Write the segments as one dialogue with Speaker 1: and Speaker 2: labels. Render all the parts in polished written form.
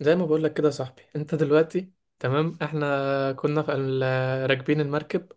Speaker 1: زي ما بقول لك كده يا صاحبي، انت دلوقتي تمام. احنا كنا في راكبين المركب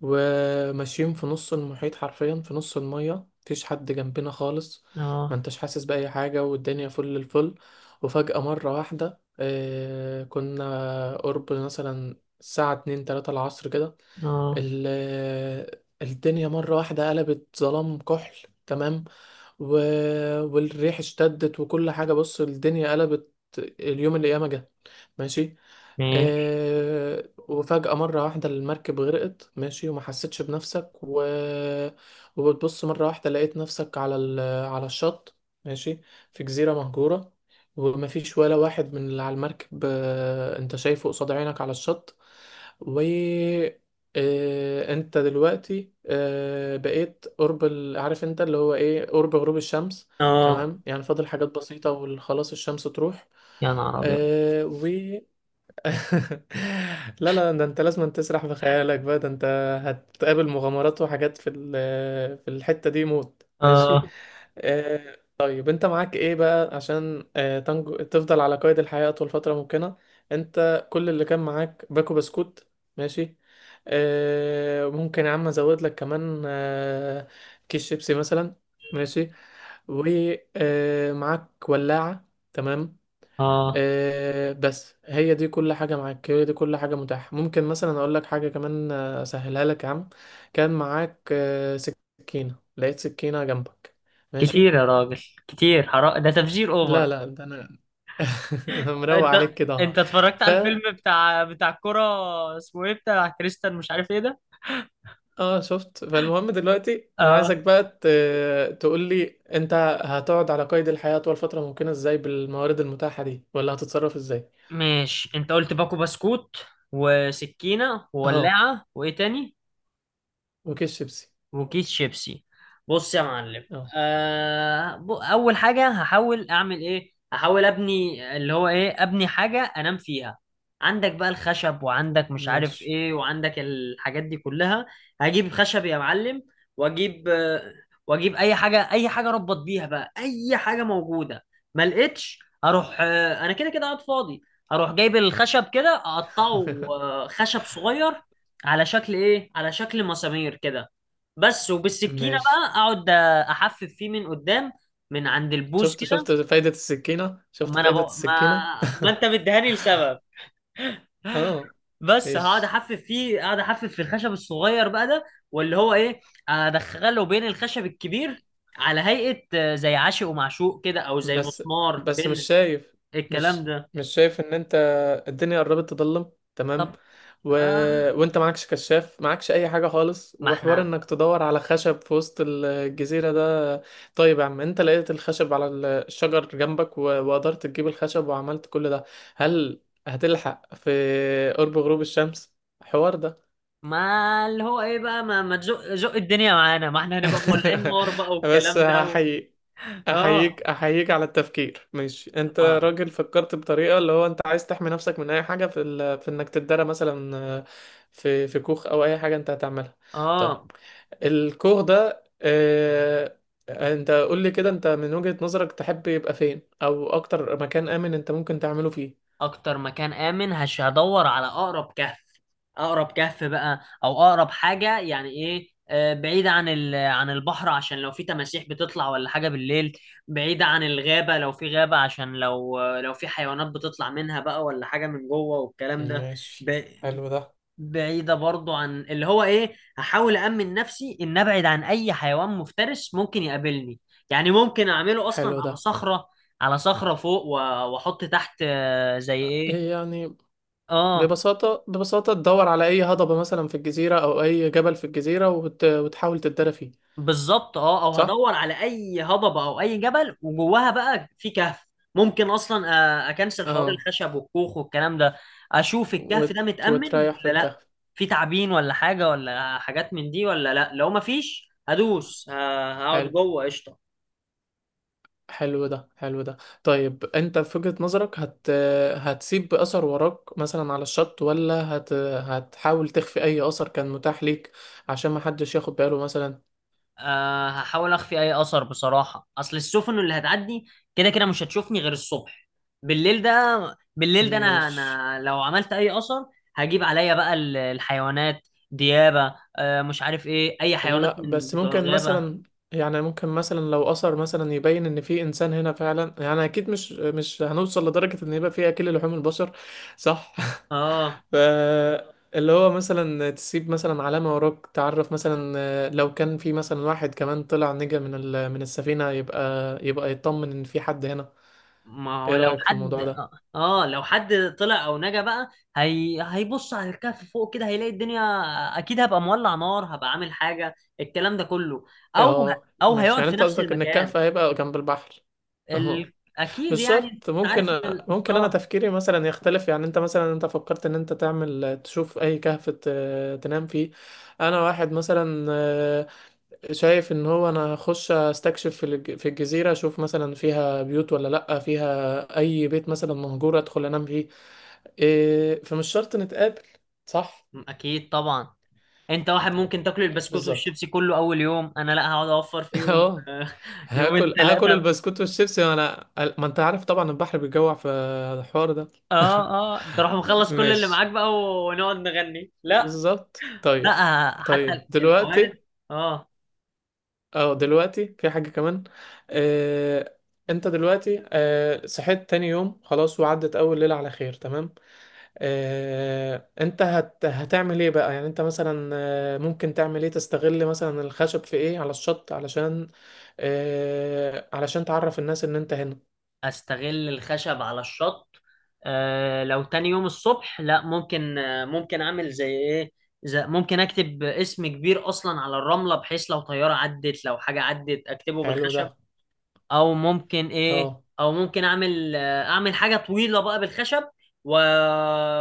Speaker 1: وماشيين في نص المحيط، حرفيا في نص المية مفيش حد جنبنا خالص. ما
Speaker 2: اه.
Speaker 1: انتش حاسس بأي حاجة، والدنيا فل الفل. وفجأة مرة واحدة، كنا قرب مثلا الساعة اتنين تلاتة العصر كده.
Speaker 2: اه.
Speaker 1: ال- الدنيا مرة واحدة قلبت ظلام كحل، تمام. و... والريح اشتدت وكل حاجة، بص الدنيا قلبت، اليوم اللي ياما جه، ماشي.
Speaker 2: ماشي.
Speaker 1: وفجأة مرة واحدة المركب غرقت، ماشي، وما حسيتش بنفسك. وبتبص مرة واحدة لقيت نفسك على الشط، ماشي، في جزيرة مهجورة. ومفيش ولا واحد من اللي على المركب، انت شايفه قصاد عينك على الشط. و آه، انت دلوقتي، بقيت قرب عارف انت اللي هو ايه، قرب غروب الشمس،
Speaker 2: اه.
Speaker 1: تمام. يعني فاضل حاجات بسيطة وخلاص الشمس تروح
Speaker 2: يا نهار ابيض.
Speaker 1: آه، لا لا، ده انت لازم تسرح في خيالك بقى، ده انت هتقابل مغامرات وحاجات في الحتة دي موت، ماشي.
Speaker 2: اه.
Speaker 1: طيب انت معاك ايه بقى عشان تنجو، تفضل على قيد الحياة اطول فترة ممكنة. انت كل اللي كان معاك باكو بسكوت، ماشي. ممكن يا عم ازود لك كمان، كيس شيبسي مثلا، ماشي. ومعاك ولاعة، تمام.
Speaker 2: اه.
Speaker 1: بس هي دي كل حاجة معاك، هي دي كل حاجة متاحة. ممكن مثلا أقول لك حاجة كمان، أسهلها لك يا عم. كان معاك سكينة، لقيت سكينة جنبك، ماشي.
Speaker 2: كتير يا راجل، كتير حرام ده، تفجير اوفر.
Speaker 1: لا لا، ده أنا أنا مروق
Speaker 2: انت
Speaker 1: عليك كده أهو.
Speaker 2: انت اتفرجت
Speaker 1: ف
Speaker 2: على الفيلم بتاع الكرة اسمه ايه؟ بتاع كريستال مش عارف ايه ده.
Speaker 1: اه، شفت. فالمهم دلوقتي أنا
Speaker 2: اه،
Speaker 1: عايزك بقى تقول لي: أنت هتقعد على قيد الحياة طول فترة ممكنة إزاي بالموارد المتاحة دي، ولا هتتصرف إزاي؟
Speaker 2: ماشي. انت قلت باكو بسكوت وسكينة
Speaker 1: اه،
Speaker 2: وولاعة وايه تاني؟
Speaker 1: وكيس شيبسي.
Speaker 2: وكيس شيبسي. بص يا معلم،
Speaker 1: اه،
Speaker 2: اول حاجه هحاول ابني اللي هو ايه، ابني حاجه انام فيها. عندك بقى الخشب وعندك مش عارف
Speaker 1: ماشي.
Speaker 2: ايه وعندك الحاجات دي كلها. هجيب خشب يا معلم، واجيب آه، واجيب اي حاجه، اي حاجه اربط بيها بقى، اي حاجه موجوده. ما لقيتش اروح. انا كده كده قاعد فاضي، هروح جايب الخشب كده اقطعه. خشب صغير على شكل ايه على شكل مسامير كده، بس. وبالسكينه
Speaker 1: ماشي.
Speaker 2: بقى اقعد احفف فيه من قدام، من عند البوز
Speaker 1: شفت
Speaker 2: كده.
Speaker 1: شفت فايدة السكينة، شفت
Speaker 2: ما انا
Speaker 1: فايدة
Speaker 2: بقى،
Speaker 1: السكينة.
Speaker 2: ما انت مديهاني لسبب.
Speaker 1: اه،
Speaker 2: بس هقعد
Speaker 1: ايش.
Speaker 2: احفف فيه، اقعد احفف في الخشب الصغير بقى ده، واللي هو ايه، ادخله بين الخشب الكبير على هيئه، زي عاشق ومعشوق كده، او زي
Speaker 1: بس
Speaker 2: مسمار
Speaker 1: بس
Speaker 2: بنز، الكلام
Speaker 1: مش
Speaker 2: ده.
Speaker 1: مش شايف ان انت الدنيا قربت تضلم، تمام.
Speaker 2: طب،
Speaker 1: و...
Speaker 2: آه
Speaker 1: وانت معكش كشاف، معكش اي حاجة خالص،
Speaker 2: ما
Speaker 1: وحوار
Speaker 2: احنا،
Speaker 1: انك تدور على خشب في وسط الجزيرة ده؟ طيب يا عم، انت لقيت الخشب على الشجر جنبك، وقدرت تجيب الخشب وعملت كل ده. هل هتلحق في قرب غروب الشمس حوار ده؟
Speaker 2: ما اللي هو ايه بقى، ما تزق زق الدنيا معانا، ما احنا هنبقى مولعين نار بقى
Speaker 1: بس
Speaker 2: والكلام ده.
Speaker 1: هحييك،
Speaker 2: اه.
Speaker 1: احييك، احييك على التفكير، ماشي. انت
Speaker 2: ما-
Speaker 1: راجل فكرت بطريقه اللي هو انت عايز تحمي نفسك من اي حاجه، في انك تتدرى مثلا، في كوخ او اي حاجه انت هتعملها. طيب
Speaker 2: اه،
Speaker 1: الكوخ ده، انت قول لي كده، انت من وجهة نظرك تحب يبقى فين، او اكتر مكان امن انت ممكن تعمله فيه؟
Speaker 2: اكتر مكان امن هدور على اقرب كهف، اقرب كهف بقى، او اقرب حاجه يعني ايه، بعيدة عن عن البحر، عشان لو في تماسيح بتطلع ولا حاجة بالليل، بعيدة عن الغابة لو في غابة، عشان لو في حيوانات بتطلع منها بقى ولا حاجة من جوه والكلام ده.
Speaker 1: ماشي،
Speaker 2: ب-
Speaker 1: حلو ده،
Speaker 2: بعيدة برضو عن اللي هو ايه، هحاول أأمن نفسي إن أبعد عن أي حيوان مفترس ممكن يقابلني، يعني ممكن أعمله أصلا
Speaker 1: حلو ده.
Speaker 2: على صخرة فوق، وأحط تحت، زي ايه.
Speaker 1: إيه يعني؟
Speaker 2: اه،
Speaker 1: ببساطة ببساطة، تدور على أي هضبة مثلا في الجزيرة، أو أي جبل في الجزيرة وتحاول تتدرى فيه.
Speaker 2: بالظبط. اه، او
Speaker 1: صح؟
Speaker 2: هدور على اي هضبة او اي جبل وجواها بقى في كهف. ممكن اصلا، اكنسل حوار
Speaker 1: اه.
Speaker 2: الخشب والكوخ والكلام ده، اشوف الكهف ده متأمن
Speaker 1: وتريح في
Speaker 2: ولا لا،
Speaker 1: الكهف،
Speaker 2: في تعابين ولا حاجة ولا حاجات من دي ولا لا. لو مفيش هدوس هقعد
Speaker 1: حلو.
Speaker 2: جوه قشطة.
Speaker 1: حلو ده، حلو ده. طيب انت في وجهة نظرك هتسيب اثر وراك مثلا على الشط، ولا هتحاول تخفي اي اثر كان متاح ليك عشان ما حدش ياخد باله مثلا؟
Speaker 2: أه، هحاول اخفي اي اثر بصراحه، اصل السفن اللي هتعدي كده كده مش هتشوفني غير الصبح. بالليل ده، بالليل ده انا
Speaker 1: مش
Speaker 2: انا لو عملت اي اثر هجيب عليا بقى الحيوانات ديابه، أه، مش عارف ايه، اي حيوانات
Speaker 1: لا،
Speaker 2: من
Speaker 1: بس
Speaker 2: بتوع
Speaker 1: ممكن
Speaker 2: الغابه.
Speaker 1: مثلا، يعني ممكن مثلا لو اثر مثلا يبين ان في انسان هنا فعلا، يعني اكيد مش هنوصل لدرجة ان يبقى في اكل لحوم البشر، صح.
Speaker 2: اه.
Speaker 1: ف اللي هو مثلا تسيب مثلا علامة وراك، تعرف مثلا، لو كان في مثلا واحد كمان طلع نجا من السفينة، يبقى يطمن ان في حد هنا.
Speaker 2: ما هو
Speaker 1: ايه
Speaker 2: لو
Speaker 1: رأيك في
Speaker 2: حد،
Speaker 1: الموضوع ده؟
Speaker 2: اه، لو حد طلع او نجا بقى هيبص على الكهف فوق كده هيلاقي الدنيا، اكيد هبقى مولع نار، هبقى عامل حاجه، الكلام ده كله. او
Speaker 1: اه،
Speaker 2: او
Speaker 1: ماشي.
Speaker 2: هيقعد
Speaker 1: يعني
Speaker 2: في
Speaker 1: انت
Speaker 2: نفس
Speaker 1: قصدك ان
Speaker 2: المكان.
Speaker 1: الكهف هيبقى جنب البحر.
Speaker 2: اكيد
Speaker 1: مش
Speaker 2: يعني، انت
Speaker 1: شرط،
Speaker 2: عارف ان
Speaker 1: ممكن ممكن انا
Speaker 2: اه،
Speaker 1: تفكيري مثلا يختلف. يعني انت مثلا، انت فكرت ان انت تعمل تشوف اي كهف تنام فيه. انا واحد مثلا، شايف ان هو انا هخش استكشف في الجزيرة، اشوف مثلا فيها بيوت ولا لا، فيها اي بيت مثلا مهجور ادخل انام فيه. إيه، فمش شرط نتقابل، صح.
Speaker 2: اكيد طبعا. انت واحد ممكن تاكل البسكوت
Speaker 1: بالظبط.
Speaker 2: والشيبسي كله اول يوم، انا لا، هقعد اوفر فيهم
Speaker 1: اه.
Speaker 2: يومين
Speaker 1: هاكل، هاكل
Speaker 2: ثلاثه.
Speaker 1: البسكوت والشيبسي وانا، ما انت عارف طبعا البحر بيجوع في الحوار ده.
Speaker 2: اه. اه، انت روح مخلص كل اللي معاك
Speaker 1: ماشي،
Speaker 2: بقى ونقعد نغني؟ لا.
Speaker 1: بالظبط.
Speaker 2: لا،
Speaker 1: طيب، طيب
Speaker 2: حتى الموارد.
Speaker 1: دلوقتي.
Speaker 2: اه.
Speaker 1: اه دلوقتي في حاجة كمان، آه، انت دلوقتي، صحيت تاني يوم خلاص وعدت اول ليلة على خير، تمام. انت هتعمل ايه بقى؟ يعني انت مثلا، ممكن تعمل ايه؟ تستغل مثلا الخشب في ايه على الشط علشان، علشان تعرف الناس ان انت هنا.
Speaker 2: استغل الخشب على الشط؟ لو تاني يوم الصبح لا، ممكن، ممكن اعمل زي ايه؟ زي، ممكن اكتب اسم كبير اصلا على الرمله، بحيث لو طياره عدت، لو حاجه عدت، اكتبه
Speaker 1: حلو ده.
Speaker 2: بالخشب. او ممكن ايه،
Speaker 1: اه،
Speaker 2: او ممكن اعمل حاجه طويله بقى بالخشب. و...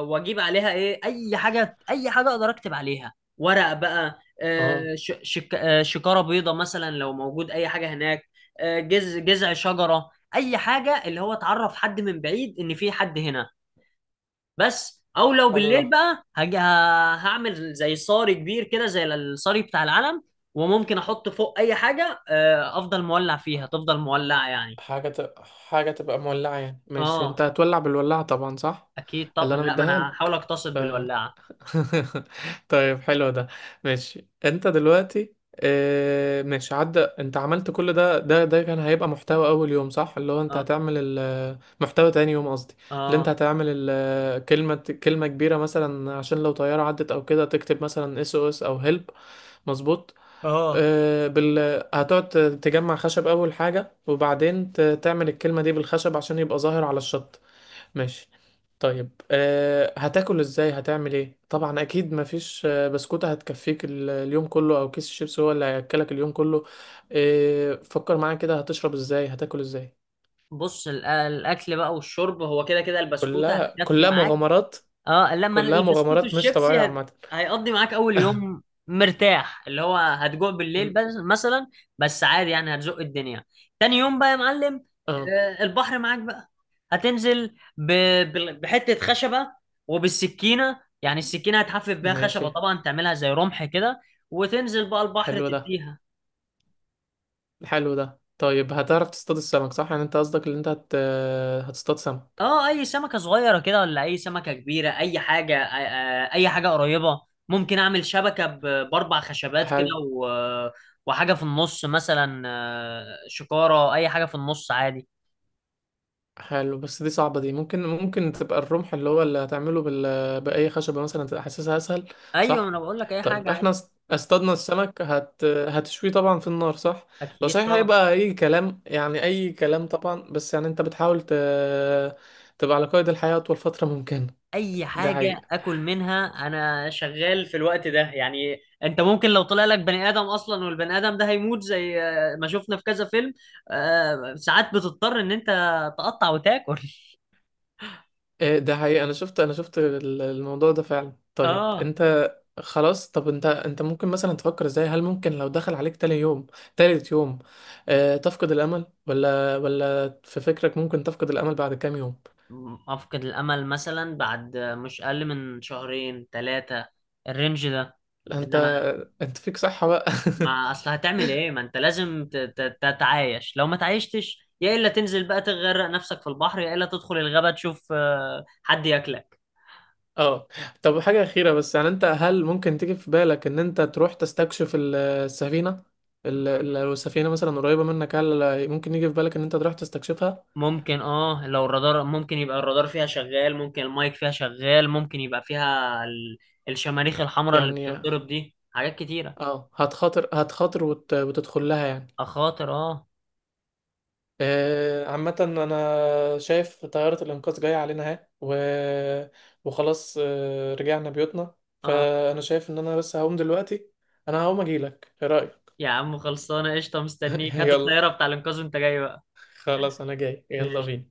Speaker 2: واجيب عليها ايه، اي حاجه، اي حاجه اقدر اكتب عليها ورق بقى،
Speaker 1: اه،
Speaker 2: آه، ش... شك... آه، شكاره بيضه مثلا لو موجود اي حاجه هناك، جذع شجره، اي حاجه اللي هو اتعرف حد من بعيد ان في حد هنا، بس. او لو
Speaker 1: حلو ده.
Speaker 2: بالليل بقى هعمل زي صاري كبير كده، زي الصاري بتاع العلم، وممكن احط فوق اي حاجه، افضل مولع فيها تفضل مولعه يعني.
Speaker 1: حاجة حاجة تبقى مولعة، يعني ماشي، انت
Speaker 2: اه،
Speaker 1: هتولع بالولاعة طبعا، صح.
Speaker 2: اكيد
Speaker 1: اللي
Speaker 2: طبعا.
Speaker 1: انا
Speaker 2: لا، ما
Speaker 1: مديها
Speaker 2: انا هحاول
Speaker 1: لك.
Speaker 2: اقتصد
Speaker 1: ف...
Speaker 2: بالولاعه.
Speaker 1: طيب، حلو ده، ماشي. انت دلوقتي، اه... ماشي. عدى، انت عملت كل ده كان هيبقى محتوى اول يوم، صح. اللي هو انت
Speaker 2: اه.
Speaker 1: هتعمل محتوى تاني يوم قصدي. اللي انت
Speaker 2: اه.
Speaker 1: هتعمل كلمة، كلمة كبيرة مثلا عشان لو طيارة عدت او كده، تكتب مثلا SOS او هيلب، مظبوط.
Speaker 2: اه.
Speaker 1: آه، بال... هتقعد تجمع خشب أول حاجة، وبعدين تعمل الكلمة دي بالخشب عشان يبقى ظاهر على الشط، ماشي. طيب هتاكل ازاي؟ هتعمل ايه؟ طبعا اكيد مفيش، بسكوتة هتكفيك اليوم كله، او كيس الشيبس هو اللي هياكلك اليوم كله. فكر معايا كده، هتشرب ازاي؟ هتاكل ازاي؟
Speaker 2: بص، الاكل بقى والشرب هو كده كده البسكوته
Speaker 1: كلها،
Speaker 2: هتكفي
Speaker 1: كلها
Speaker 2: معاك.
Speaker 1: مغامرات،
Speaker 2: اه، لما
Speaker 1: كلها
Speaker 2: البسكوت
Speaker 1: مغامرات مش
Speaker 2: والشيبسي
Speaker 1: طبيعية عامة.
Speaker 2: هيقضي معاك اول يوم مرتاح، اللي هو هتجوع بالليل
Speaker 1: م-
Speaker 2: بس مثلا، بس عادي يعني هتزق الدنيا. تاني يوم بقى يا معلم،
Speaker 1: اه،
Speaker 2: البحر معاك بقى، هتنزل ب... بحته خشبه، وبالسكينه، يعني السكينه هتحفف بيها خشبه
Speaker 1: ماشي.
Speaker 2: طبعا، تعملها زي رمح كده، وتنزل بقى البحر
Speaker 1: حلو ده،
Speaker 2: تديها.
Speaker 1: حلو ده. طيب هتعرف تصطاد السمك، صح؟ يعني انت قصدك ان انت هتصطاد سمك.
Speaker 2: اه، اي سمكة صغيرة كده ولا اي سمكة كبيرة، اي حاجة، اي حاجة قريبة. ممكن اعمل شبكة باربع خشبات كده،
Speaker 1: حلو،
Speaker 2: و... وحاجة في النص مثلا، شكارة اي حاجة في النص عادي.
Speaker 1: حلو. بس دي صعبة، دي ممكن تبقى الرمح، اللي هتعمله بأي خشبة مثلا، تبقى حاسسها أسهل،
Speaker 2: ايوه،
Speaker 1: صح.
Speaker 2: انا بقول لك اي
Speaker 1: طيب
Speaker 2: حاجة
Speaker 1: احنا
Speaker 2: عادي.
Speaker 1: اصطادنا السمك، هتشويه طبعا في النار، صح. هو
Speaker 2: اكيد
Speaker 1: صحيح
Speaker 2: طبعا،
Speaker 1: هيبقى أي كلام، يعني أي كلام طبعا، بس يعني انت بتحاول تبقى على قيد الحياة أطول فترة ممكنة.
Speaker 2: اي
Speaker 1: ده
Speaker 2: حاجة
Speaker 1: حقيقي.
Speaker 2: اكل منها انا شغال في الوقت ده يعني. انت ممكن لو طلع لك بني ادم اصلا، والبني ادم ده هيموت زي، ما شفنا في كذا فيلم، ساعات بتضطر ان انت تقطع وتاكل.
Speaker 1: إيه، ده حقيقي. انا شفت، الموضوع ده فعلا. طيب
Speaker 2: اه.
Speaker 1: انت، خلاص. طب انت ممكن مثلا تفكر ازاي؟ هل ممكن لو دخل عليك تاني يوم، تالت يوم، تفقد الامل؟ ولا، في فكرك ممكن تفقد الامل بعد كام يوم؟
Speaker 2: أفقد الأمل مثلا بعد مش أقل من شهرين ثلاثة، الرينج ده.
Speaker 1: لا، انت
Speaker 2: إنما،
Speaker 1: انت فيك صحة بقى.
Speaker 2: ما أصل هتعمل إيه؟ ما أنت لازم تتعايش، لو ما تعايشتش يا إلا تنزل بقى تغرق نفسك في البحر، يا إلا تدخل الغابة تشوف حد ياكلك.
Speaker 1: اه. طب حاجة أخيرة بس، يعني انت هل ممكن تيجي في بالك ان انت تروح تستكشف السفينة؟ لو السفينة مثلا قريبة منك، هل ممكن يجي في بالك ان انت تروح تستكشفها؟
Speaker 2: ممكن، اه، لو الرادار ممكن يبقى الرادار فيها شغال، ممكن المايك فيها شغال، ممكن يبقى فيها الشماريخ الحمراء اللي
Speaker 1: يعني
Speaker 2: بتنضرب دي، حاجات كتيرة.
Speaker 1: اه، هتخاطر، هتخاطر وتدخل لها يعني.
Speaker 2: أخاطر، اه.
Speaker 1: عامة أنا شايف طيارة الإنقاذ جاية علينا أهي، وخلاص، رجعنا بيوتنا.
Speaker 2: آه.
Speaker 1: فأنا شايف إن أنا بس هقوم دلوقتي. أنا هقوم أجيلك، إيه رأيك؟
Speaker 2: يا عم خلصانه قشطه، مستنيك هات
Speaker 1: يلا،
Speaker 2: الطياره بتاع الانقاذ وانت جاي بقى.
Speaker 1: خلاص أنا جاي، يلا
Speaker 2: قشطة.
Speaker 1: بينا.